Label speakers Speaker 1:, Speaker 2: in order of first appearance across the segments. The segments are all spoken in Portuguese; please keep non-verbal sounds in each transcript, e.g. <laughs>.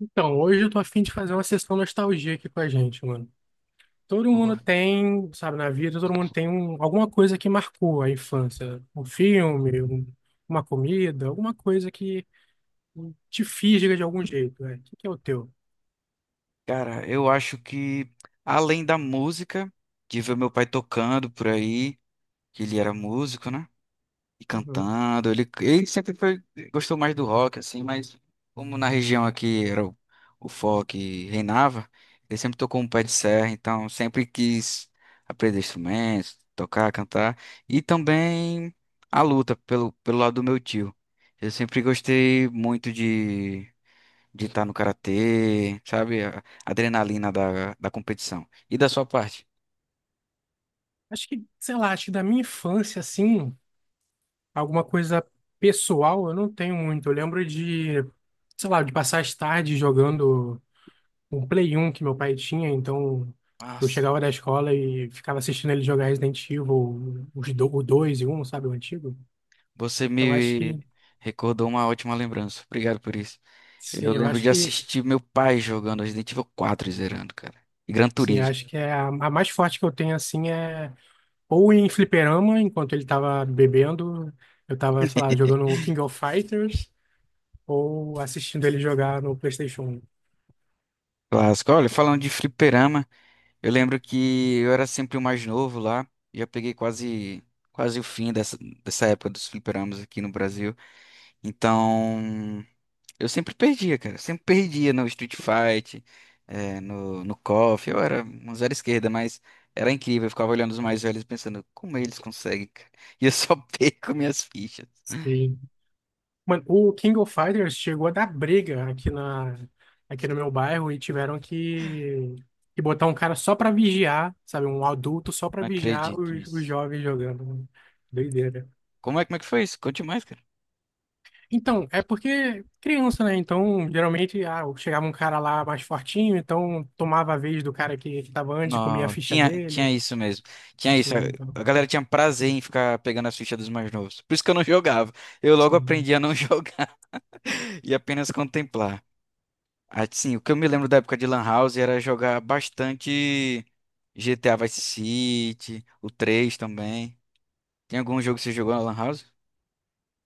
Speaker 1: Então, hoje eu tô a fim de fazer uma sessão nostalgia aqui com a gente, mano. Todo mundo
Speaker 2: Boa.
Speaker 1: tem, sabe, na vida, todo mundo tem alguma coisa que marcou a infância. Um filme, uma comida, alguma coisa que te fisga de algum jeito, né? O que que é o teu?
Speaker 2: Cara, eu acho que além da música, de ver meu pai tocando por aí, que ele era músico, né? E
Speaker 1: Uhum.
Speaker 2: cantando, ele sempre gostou mais do rock, assim, mas como na região aqui era o folk reinava, ele sempre tocou um pé de serra, então sempre quis aprender instrumentos, tocar, cantar, e também a luta pelo lado do meu tio. Eu sempre gostei muito de estar no karatê, sabe? A adrenalina da competição. E da sua parte?
Speaker 1: Acho que, sei lá, acho que da minha infância, assim, alguma coisa pessoal eu não tenho muito. Eu lembro de, sei lá, de passar as tardes jogando. Um Play 1 que meu pai tinha, então eu
Speaker 2: Nossa,
Speaker 1: chegava da escola e ficava assistindo ele jogar Resident Evil, o 2 e um, sabe, o antigo.
Speaker 2: você
Speaker 1: Então acho
Speaker 2: me
Speaker 1: que,
Speaker 2: recordou uma ótima lembrança. Obrigado por isso. Eu
Speaker 1: sim, eu
Speaker 2: lembro
Speaker 1: acho
Speaker 2: de
Speaker 1: que,
Speaker 2: assistir meu pai jogando Resident Evil 4 e zerando, cara. E Gran
Speaker 1: sim, eu
Speaker 2: Turismo.
Speaker 1: acho que é a mais forte que eu tenho, assim, é ou em fliperama, enquanto ele tava bebendo, eu tava, sei lá, jogando King of Fighters, ou assistindo ele jogar no PlayStation.
Speaker 2: Clássico. Olha, falando de fliperama, eu lembro que eu era sempre o mais novo lá. Já peguei quase o fim dessa época dos fliperamas aqui no Brasil. Então. Eu sempre perdia, cara. Sempre perdia no Street Fight, no KOF. Eu era um zero esquerda, mas era incrível. Eu ficava olhando os mais velhos e pensando, como eles conseguem, cara? <laughs> E eu só <laughs> perco minhas fichas.
Speaker 1: Sim. Mano, o King of Fighters chegou a dar briga aqui no meu bairro e tiveram que botar um cara só pra vigiar, sabe? Um adulto só pra
Speaker 2: Não
Speaker 1: vigiar
Speaker 2: acredito
Speaker 1: os
Speaker 2: nisso.
Speaker 1: jovens jogando, né? Doideira.
Speaker 2: Como é que foi isso? Conte mais, cara.
Speaker 1: Então, é porque criança, né? Então, geralmente, chegava um cara lá mais fortinho, então tomava a vez do cara que tava antes, comia a
Speaker 2: Não,
Speaker 1: ficha
Speaker 2: tinha
Speaker 1: dele.
Speaker 2: isso mesmo. Tinha
Speaker 1: Sim,
Speaker 2: isso.
Speaker 1: então,
Speaker 2: A galera tinha prazer em ficar pegando as fichas dos mais novos. Por isso que eu não <laughs> jogava. Eu logo
Speaker 1: sim.
Speaker 2: aprendi a não <laughs> jogar e apenas contemplar. Assim, o que eu me lembro da época de Lan House era jogar bastante GTA Vice City, o 3 também. Tem algum jogo que você jogou na Lan House?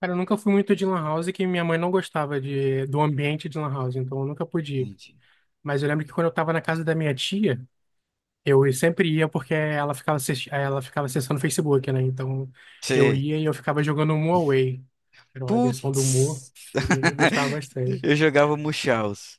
Speaker 1: Cara, eu nunca fui muito de lan house, que minha mãe não gostava do ambiente de lan house, então eu nunca podia.
Speaker 2: Entendi.
Speaker 1: Mas eu lembro que, quando eu tava na casa da minha tia, Eu sempre ia porque ela ficava, assisti- ela ficava acessando o Facebook, né? Então eu
Speaker 2: Sei.
Speaker 1: ia e eu ficava jogando Mu Away. Era uma versão do Mu
Speaker 2: Putz!
Speaker 1: e eu gostava
Speaker 2: <laughs>
Speaker 1: bastante.
Speaker 2: Eu jogava Munchausen.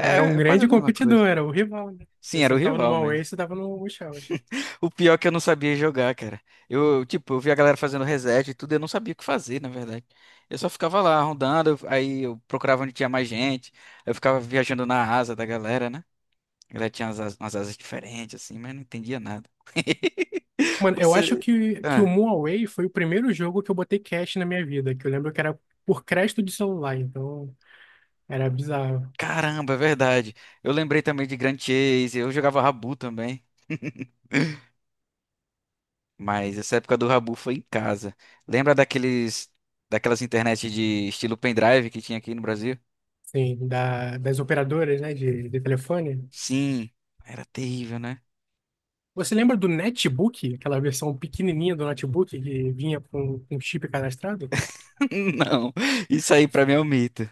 Speaker 1: Era um
Speaker 2: é quase a
Speaker 1: grande
Speaker 2: mesma coisa.
Speaker 1: competidor, era o rival, né?
Speaker 2: Sim,
Speaker 1: Você
Speaker 2: era o
Speaker 1: não tava no Mu
Speaker 2: rival
Speaker 1: Away,
Speaker 2: mesmo.
Speaker 1: você tava no Shells.
Speaker 2: O pior é que eu não sabia jogar, cara. Eu, tipo, eu via a galera fazendo reset e tudo, eu não sabia o que fazer, na verdade. Eu só ficava lá rondando, aí eu procurava onde tinha mais gente. Eu ficava viajando na asa da galera, né? Ela tinha umas, umas asas diferentes, assim, mas não entendia nada. <laughs>
Speaker 1: Mano, eu acho
Speaker 2: Você.
Speaker 1: que o
Speaker 2: Ah,
Speaker 1: Mu Away foi o primeiro jogo que eu botei cash na minha vida, que eu lembro que era por crédito de celular, então era bizarro.
Speaker 2: caramba, é verdade. Eu lembrei também de Grand Chase. Eu jogava Rabu também. Mas essa época do Rabu foi em casa. Lembra daqueles. Daquelas internet de estilo pendrive que tinha aqui no Brasil?
Speaker 1: Sim, das operadoras, né, de telefone.
Speaker 2: Sim, era terrível, né?
Speaker 1: Você lembra do Netbook, aquela versão pequenininha do notebook que vinha com um chip cadastrado?
Speaker 2: <laughs> Não, isso aí pra mim é um mito.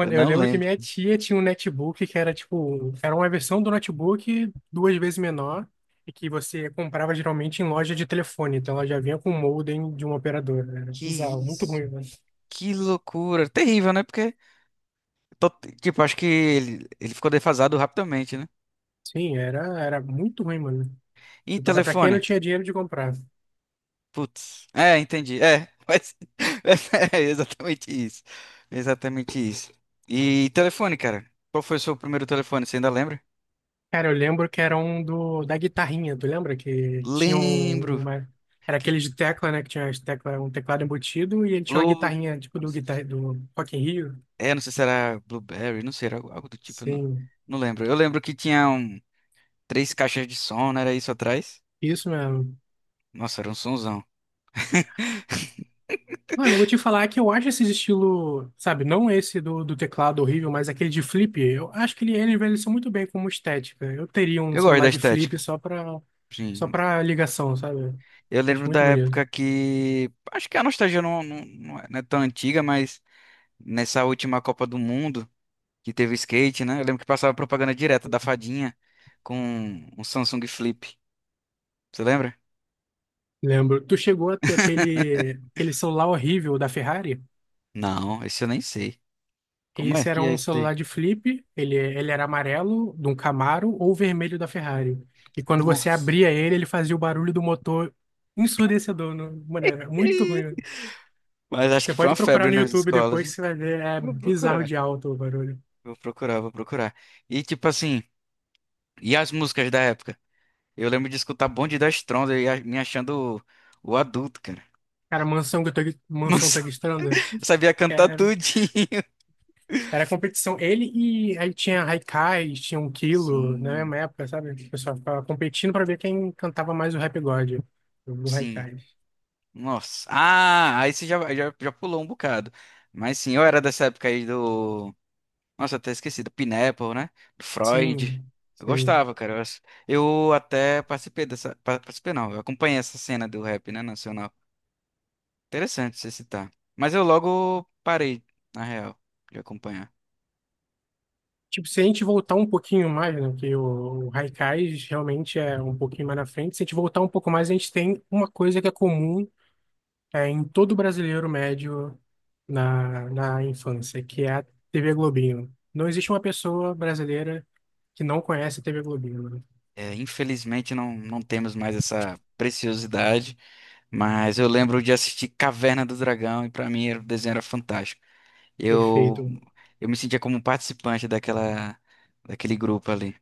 Speaker 2: Eu
Speaker 1: eu
Speaker 2: não
Speaker 1: lembro que
Speaker 2: lembro.
Speaker 1: minha tia tinha um netbook que era tipo, era uma versão do notebook duas vezes menor e que você comprava geralmente em loja de telefone, então ela já vinha com o modem de uma operadora. Era
Speaker 2: Que
Speaker 1: bizarro, muito
Speaker 2: isso?
Speaker 1: ruim, mano.
Speaker 2: Que loucura. Terrível, né? Porque, to- tipo, acho que ele ficou defasado rapidamente, né?
Speaker 1: Sim, era muito ruim, mano.
Speaker 2: E
Speaker 1: Era pra quem
Speaker 2: telefone?
Speaker 1: não tinha dinheiro de comprar.
Speaker 2: Putz. É, entendi. É, mas <laughs> é exatamente isso. Exatamente isso. E telefone, cara? Qual foi o seu primeiro telefone? Você ainda lembra?
Speaker 1: Cara, eu lembro que era um da guitarrinha, tu lembra? Que tinha
Speaker 2: Lembro.
Speaker 1: uma. Era
Speaker 2: Que
Speaker 1: aquele de tecla, né? Que tinha as tecla, um teclado embutido e ele tinha uma
Speaker 2: Blue.
Speaker 1: guitarrinha, tipo
Speaker 2: Não
Speaker 1: do,
Speaker 2: sei se-
Speaker 1: guitar, do Rock in Rio.
Speaker 2: É, não sei se era Blueberry, não sei, era algo algo do tipo, eu não,
Speaker 1: Sim,
Speaker 2: não lembro. Eu lembro que tinha três caixas de som, não era isso atrás?
Speaker 1: isso mesmo.
Speaker 2: Nossa, era um sonzão. <laughs>
Speaker 1: Mano, eu vou te falar que eu acho esse estilo, sabe, não esse do teclado horrível, mas aquele de flip, eu acho que ele envelheceu muito bem como estética. Eu teria um
Speaker 2: Eu gosto da
Speaker 1: celular de flip
Speaker 2: estética.
Speaker 1: só pra, só
Speaker 2: Sim.
Speaker 1: pra ligação, sabe?
Speaker 2: Eu lembro
Speaker 1: Acho
Speaker 2: da
Speaker 1: muito
Speaker 2: época
Speaker 1: bonito.
Speaker 2: que. Acho que a nostalgia não é tão antiga, mas. Nessa última Copa do Mundo que teve o skate, né? Eu lembro que passava propaganda direta da fadinha com um Samsung Flip. Você lembra?
Speaker 1: Lembro. Tu chegou a ter aquele celular horrível da Ferrari?
Speaker 2: Não, esse eu nem sei. Como é
Speaker 1: Esse era
Speaker 2: que é
Speaker 1: um
Speaker 2: esse
Speaker 1: celular
Speaker 2: daí?
Speaker 1: de flip, ele era amarelo, de um Camaro, ou vermelho da Ferrari. E quando você
Speaker 2: Nossa.
Speaker 1: abria ele, ele fazia o barulho do motor ensurdecedor. Mano, era muito
Speaker 2: <laughs>
Speaker 1: ruim.
Speaker 2: Mas acho que
Speaker 1: Você
Speaker 2: foi
Speaker 1: pode
Speaker 2: uma
Speaker 1: procurar
Speaker 2: febre
Speaker 1: no
Speaker 2: nas
Speaker 1: YouTube
Speaker 2: escolas,
Speaker 1: depois
Speaker 2: hein?
Speaker 1: que você vai ver, é
Speaker 2: Vou
Speaker 1: bizarro
Speaker 2: procurar,
Speaker 1: de alto o barulho.
Speaker 2: vou procurar, vou procurar. E tipo assim, e as músicas da época? Eu lembro de escutar Bonde das Trompas e me achando o adulto, cara.
Speaker 1: Cara, Mansão, Mansão
Speaker 2: Nossa, <laughs> eu
Speaker 1: Tagstranda,
Speaker 2: sabia cantar
Speaker 1: era,
Speaker 2: tudinho.
Speaker 1: era competição. Ele E aí tinha Haikai, tinha um Kilo, na
Speaker 2: Sim,
Speaker 1: mesma época, sabe? O pessoal ficava competindo pra ver quem cantava mais o Rap God, o
Speaker 2: sim.
Speaker 1: Haikai.
Speaker 2: Nossa. Ah, aí você já pulou um bocado. Mas sim, eu era dessa época aí do. Nossa, até esqueci, do Pineapple, né? Do Freud.
Speaker 1: Sim,
Speaker 2: Eu
Speaker 1: sim.
Speaker 2: gostava, cara. Eu até participei dessa. Participei não, eu acompanhei essa cena do rap, né, nacional. Interessante você citar. Mas eu logo parei, na real, de acompanhar.
Speaker 1: Tipo, se a gente voltar um pouquinho mais, né? Porque o Haikais realmente é um pouquinho mais na frente. Se a gente voltar um pouco mais, a gente tem uma coisa que é comum em todo brasileiro médio na infância, que é a TV Globinho. Não existe uma pessoa brasileira que não conhece a TV Globinho, né?
Speaker 2: É, infelizmente não temos mais essa preciosidade, mas eu lembro de assistir Caverna do Dragão e pra mim o desenho era fantástico. Eu,
Speaker 1: Perfeito.
Speaker 2: eu me sentia como um participante daquele grupo ali.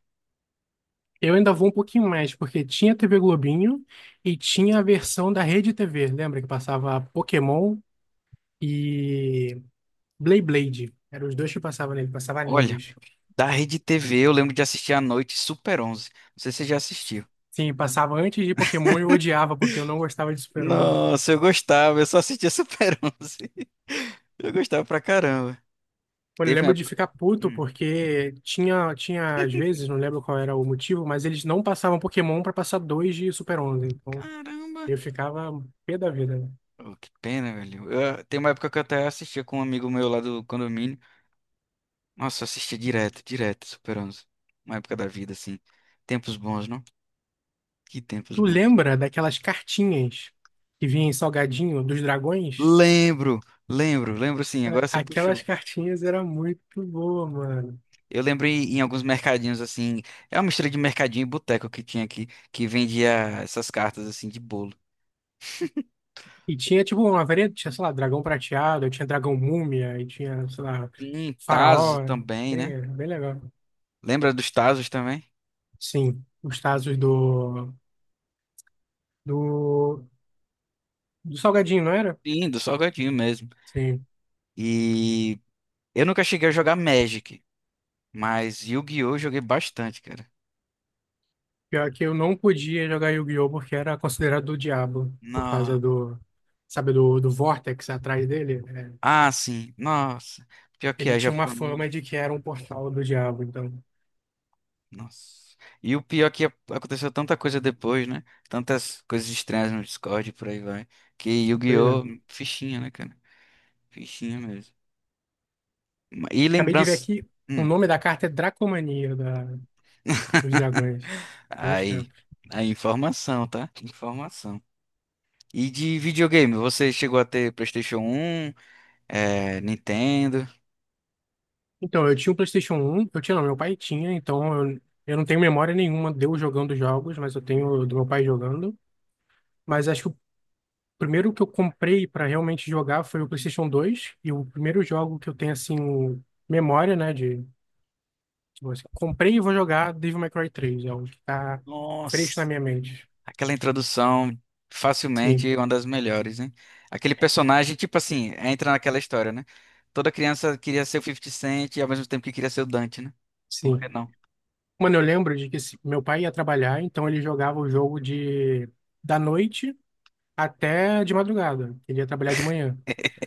Speaker 1: Eu ainda vou um pouquinho mais, porque tinha a TV Globinho e tinha a versão da Rede TV. Lembra que passava Pokémon e Blade Blade? Eram os dois que passavam nele, passava
Speaker 2: Olha,
Speaker 1: animes.
Speaker 2: da Rede TV eu lembro de assistir à noite Super 11. Não sei se você já assistiu.
Speaker 1: Sim, passava antes de Pokémon e eu odiava porque eu não gostava de Super-Homem.
Speaker 2: Nossa, eu gostava, eu só assistia Super 11. <laughs> Eu gostava pra caramba.
Speaker 1: Mano, eu
Speaker 2: Teve uma
Speaker 1: lembro de
Speaker 2: época.
Speaker 1: ficar puto
Speaker 2: Hum.
Speaker 1: porque tinha às vezes, não lembro qual era o motivo, mas eles não passavam Pokémon pra passar dois de Super-11. Então
Speaker 2: Caramba!
Speaker 1: eu ficava pé da vida, né?
Speaker 2: Oh, que pena, velho. Tem uma época que eu até assistia com um amigo meu lá do condomínio. Nossa, eu assistia direto, direto, Super 11. Uma época da vida, assim. Tempos bons, não? Que tempos
Speaker 1: Tu
Speaker 2: bons.
Speaker 1: lembra daquelas cartinhas que vinha em salgadinho dos dragões?
Speaker 2: Lembro, lembro, lembro sim,
Speaker 1: É,
Speaker 2: agora você
Speaker 1: aquelas
Speaker 2: puxou.
Speaker 1: cartinhas era muito boa, mano.
Speaker 2: Eu lembrei em alguns mercadinhos assim, é uma mistura de mercadinho e boteco que tinha aqui, que vendia essas cartas assim de bolo.
Speaker 1: E tinha tipo uma variedade, tinha, sei lá, dragão prateado, tinha dragão múmia, e tinha, sei lá,
Speaker 2: Sim, Tazo
Speaker 1: faraó.
Speaker 2: também, né?
Speaker 1: É, bem legal.
Speaker 2: Lembra dos Tazos também?
Speaker 1: Sim, os Tazos do, do Salgadinho, não era?
Speaker 2: Sim, do salgadinho mesmo.
Speaker 1: Sim.
Speaker 2: E eu nunca cheguei a jogar Magic, mas Yu-Gi-Oh! Eu joguei bastante, cara.
Speaker 1: Pior que eu não podia jogar Yu-Gi-Oh! Porque era considerado do diabo, por causa
Speaker 2: Não.
Speaker 1: do, sabe, do Vortex atrás dele. É,
Speaker 2: Ah, sim, nossa. Pior que
Speaker 1: ele
Speaker 2: é
Speaker 1: tinha uma
Speaker 2: japonês.
Speaker 1: fama de que era um portal do diabo, então.
Speaker 2: Nossa. E o pior é que aconteceu tanta coisa depois, né? Tantas coisas estranhas no Discord e por aí vai. Que
Speaker 1: Pois
Speaker 2: Yu-Gi-Oh!
Speaker 1: é.
Speaker 2: Fichinha, né, cara? Fichinha mesmo. E
Speaker 1: Acabei de ver
Speaker 2: lembrança.
Speaker 1: aqui, o
Speaker 2: Hum.
Speaker 1: nome da carta é Dracomania, dos
Speaker 2: <laughs>
Speaker 1: dragões. Bons
Speaker 2: Aí.
Speaker 1: tempos.
Speaker 2: Aí, informação, tá? Informação. E de videogame, você chegou a ter PlayStation um, Nintendo?
Speaker 1: Então, eu tinha um PlayStation 1 eu tinha, não, meu pai tinha, então eu não tenho memória nenhuma de eu jogando jogos, mas eu tenho do meu pai jogando. Mas acho que o primeiro que eu comprei para realmente jogar foi o PlayStation 2 e o primeiro jogo que eu tenho, assim, memória, né, de, tipo assim, comprei e vou jogar Devil May Cry 3 é o que tá fresco na
Speaker 2: Nossa.
Speaker 1: minha mente.
Speaker 2: Aquela introdução, facilmente
Speaker 1: Sim,
Speaker 2: uma das melhores, né? Aquele personagem, tipo assim, entra naquela história, né? Toda criança queria ser o 50 Cent e ao mesmo tempo que queria ser o Dante, né? Por que
Speaker 1: sim.
Speaker 2: não?
Speaker 1: Mano, eu lembro de que meu pai ia trabalhar, então ele jogava o jogo de da noite até de madrugada. Ele ia trabalhar de manhã.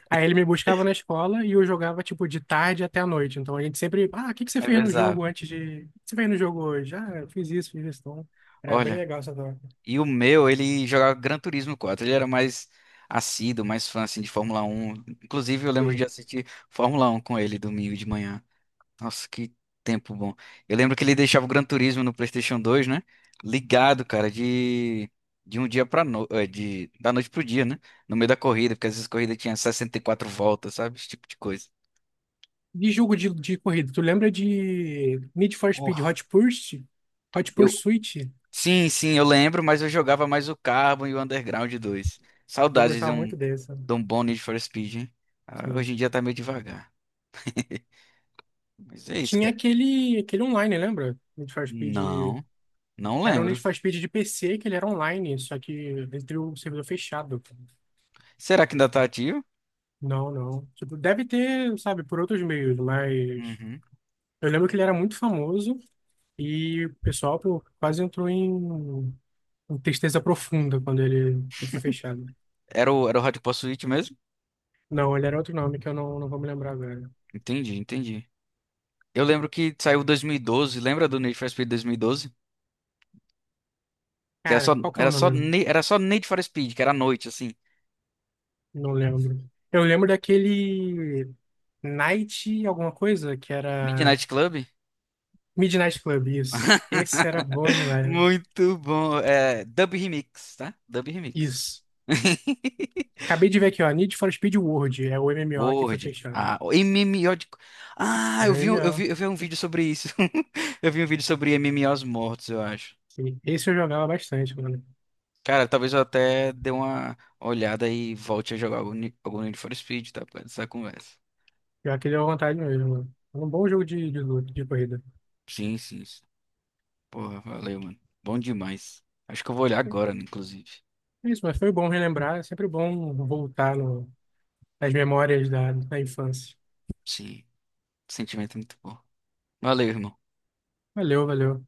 Speaker 1: Aí ele me buscava na escola e eu jogava, tipo, de tarde até a noite. Então a gente sempre, o que que você
Speaker 2: É
Speaker 1: fez no jogo
Speaker 2: bizarro.
Speaker 1: antes de. O que você fez no jogo hoje? Ah, eu fiz isso, fiz isso. Então, era bem
Speaker 2: Olha,
Speaker 1: legal essa troca.
Speaker 2: e o meu, ele jogava Gran Turismo 4. Ele era mais assíduo, mais fã, assim, de Fórmula 1. Inclusive, eu lembro de
Speaker 1: Sim.
Speaker 2: assistir Fórmula 1 com ele domingo de manhã. Nossa, que tempo bom. Eu lembro que ele deixava o Gran Turismo no PlayStation 2, né? Ligado, cara, de um dia pra no... de da noite pro dia, né? No meio da corrida, porque às vezes a corrida tinha 64 voltas, sabe? Esse tipo de coisa.
Speaker 1: De jogo de corrida, tu lembra de Need for Speed
Speaker 2: Oh,
Speaker 1: Hot Pursuit? Hot
Speaker 2: Eu
Speaker 1: Pursuit?
Speaker 2: Sim, sim, eu lembro, mas eu jogava mais o Carbon e o Underground dois.
Speaker 1: Eu
Speaker 2: Saudades de
Speaker 1: gostava
Speaker 2: um,
Speaker 1: muito
Speaker 2: de
Speaker 1: dessa.
Speaker 2: um bom Need for Speed, hein? Ah,
Speaker 1: Sim.
Speaker 2: hoje em dia tá meio devagar. Mas é isso,
Speaker 1: Tinha
Speaker 2: cara.
Speaker 1: aquele online, lembra? Need for Speed.
Speaker 2: Não, não
Speaker 1: Era um Need
Speaker 2: lembro.
Speaker 1: for Speed de PC, que ele era online, só que entre o servidor fechado.
Speaker 2: Será que ainda tá ativo?
Speaker 1: Não, não. Tipo, deve ter, sabe, por outros meios, mas
Speaker 2: Uhum.
Speaker 1: eu lembro que ele era muito famoso e o pessoal pô, quase entrou em tristeza profunda quando ele foi fechado.
Speaker 2: Era o Hot Pursuit mesmo?
Speaker 1: Não, ele era outro nome que eu não vou me lembrar agora.
Speaker 2: Entendi, entendi. Eu lembro que saiu 2012, lembra do Need for Speed 2012? Que era
Speaker 1: Cara,
Speaker 2: só,
Speaker 1: qual que é o
Speaker 2: era só,
Speaker 1: nome?
Speaker 2: Ne- era só Need for Speed, que era à noite, assim.
Speaker 1: Não lembro. Eu lembro daquele Night alguma coisa que era
Speaker 2: Midnight Club?
Speaker 1: Midnight Club, isso. Esse era bom
Speaker 2: <laughs>
Speaker 1: demais.
Speaker 2: Muito bom. É, Dub Remix, tá? Dub Remix.
Speaker 1: Isso.
Speaker 2: <laughs>
Speaker 1: Acabei de ver aqui, ó, Need for Speed World, é o MMO que foi
Speaker 2: Word.
Speaker 1: fechado.
Speaker 2: Ah, o MMO de... Ah, eu
Speaker 1: Era o
Speaker 2: vi, um- eu
Speaker 1: MMO.
Speaker 2: vi, eu vi um vídeo sobre isso. <laughs> Eu vi um vídeo sobre M M MMOs mortos, eu acho.
Speaker 1: Sim. Esse eu jogava bastante, mano.
Speaker 2: Cara, talvez eu até dê uma olhada e volte a jogar algum Need for Speed, tá? Por causa dessa conversa.
Speaker 1: Pior que deu vontade mesmo, mano. É um bom jogo de luta, de corrida.
Speaker 2: Sim, sim. Porra, valeu, mano. Bom demais. Acho que eu vou olhar agora, né, inclusive.
Speaker 1: É isso, mas foi bom relembrar. É sempre bom voltar no, nas memórias da infância.
Speaker 2: Sim, sentimento é muito bom. Valeu, irmão.
Speaker 1: Valeu, valeu.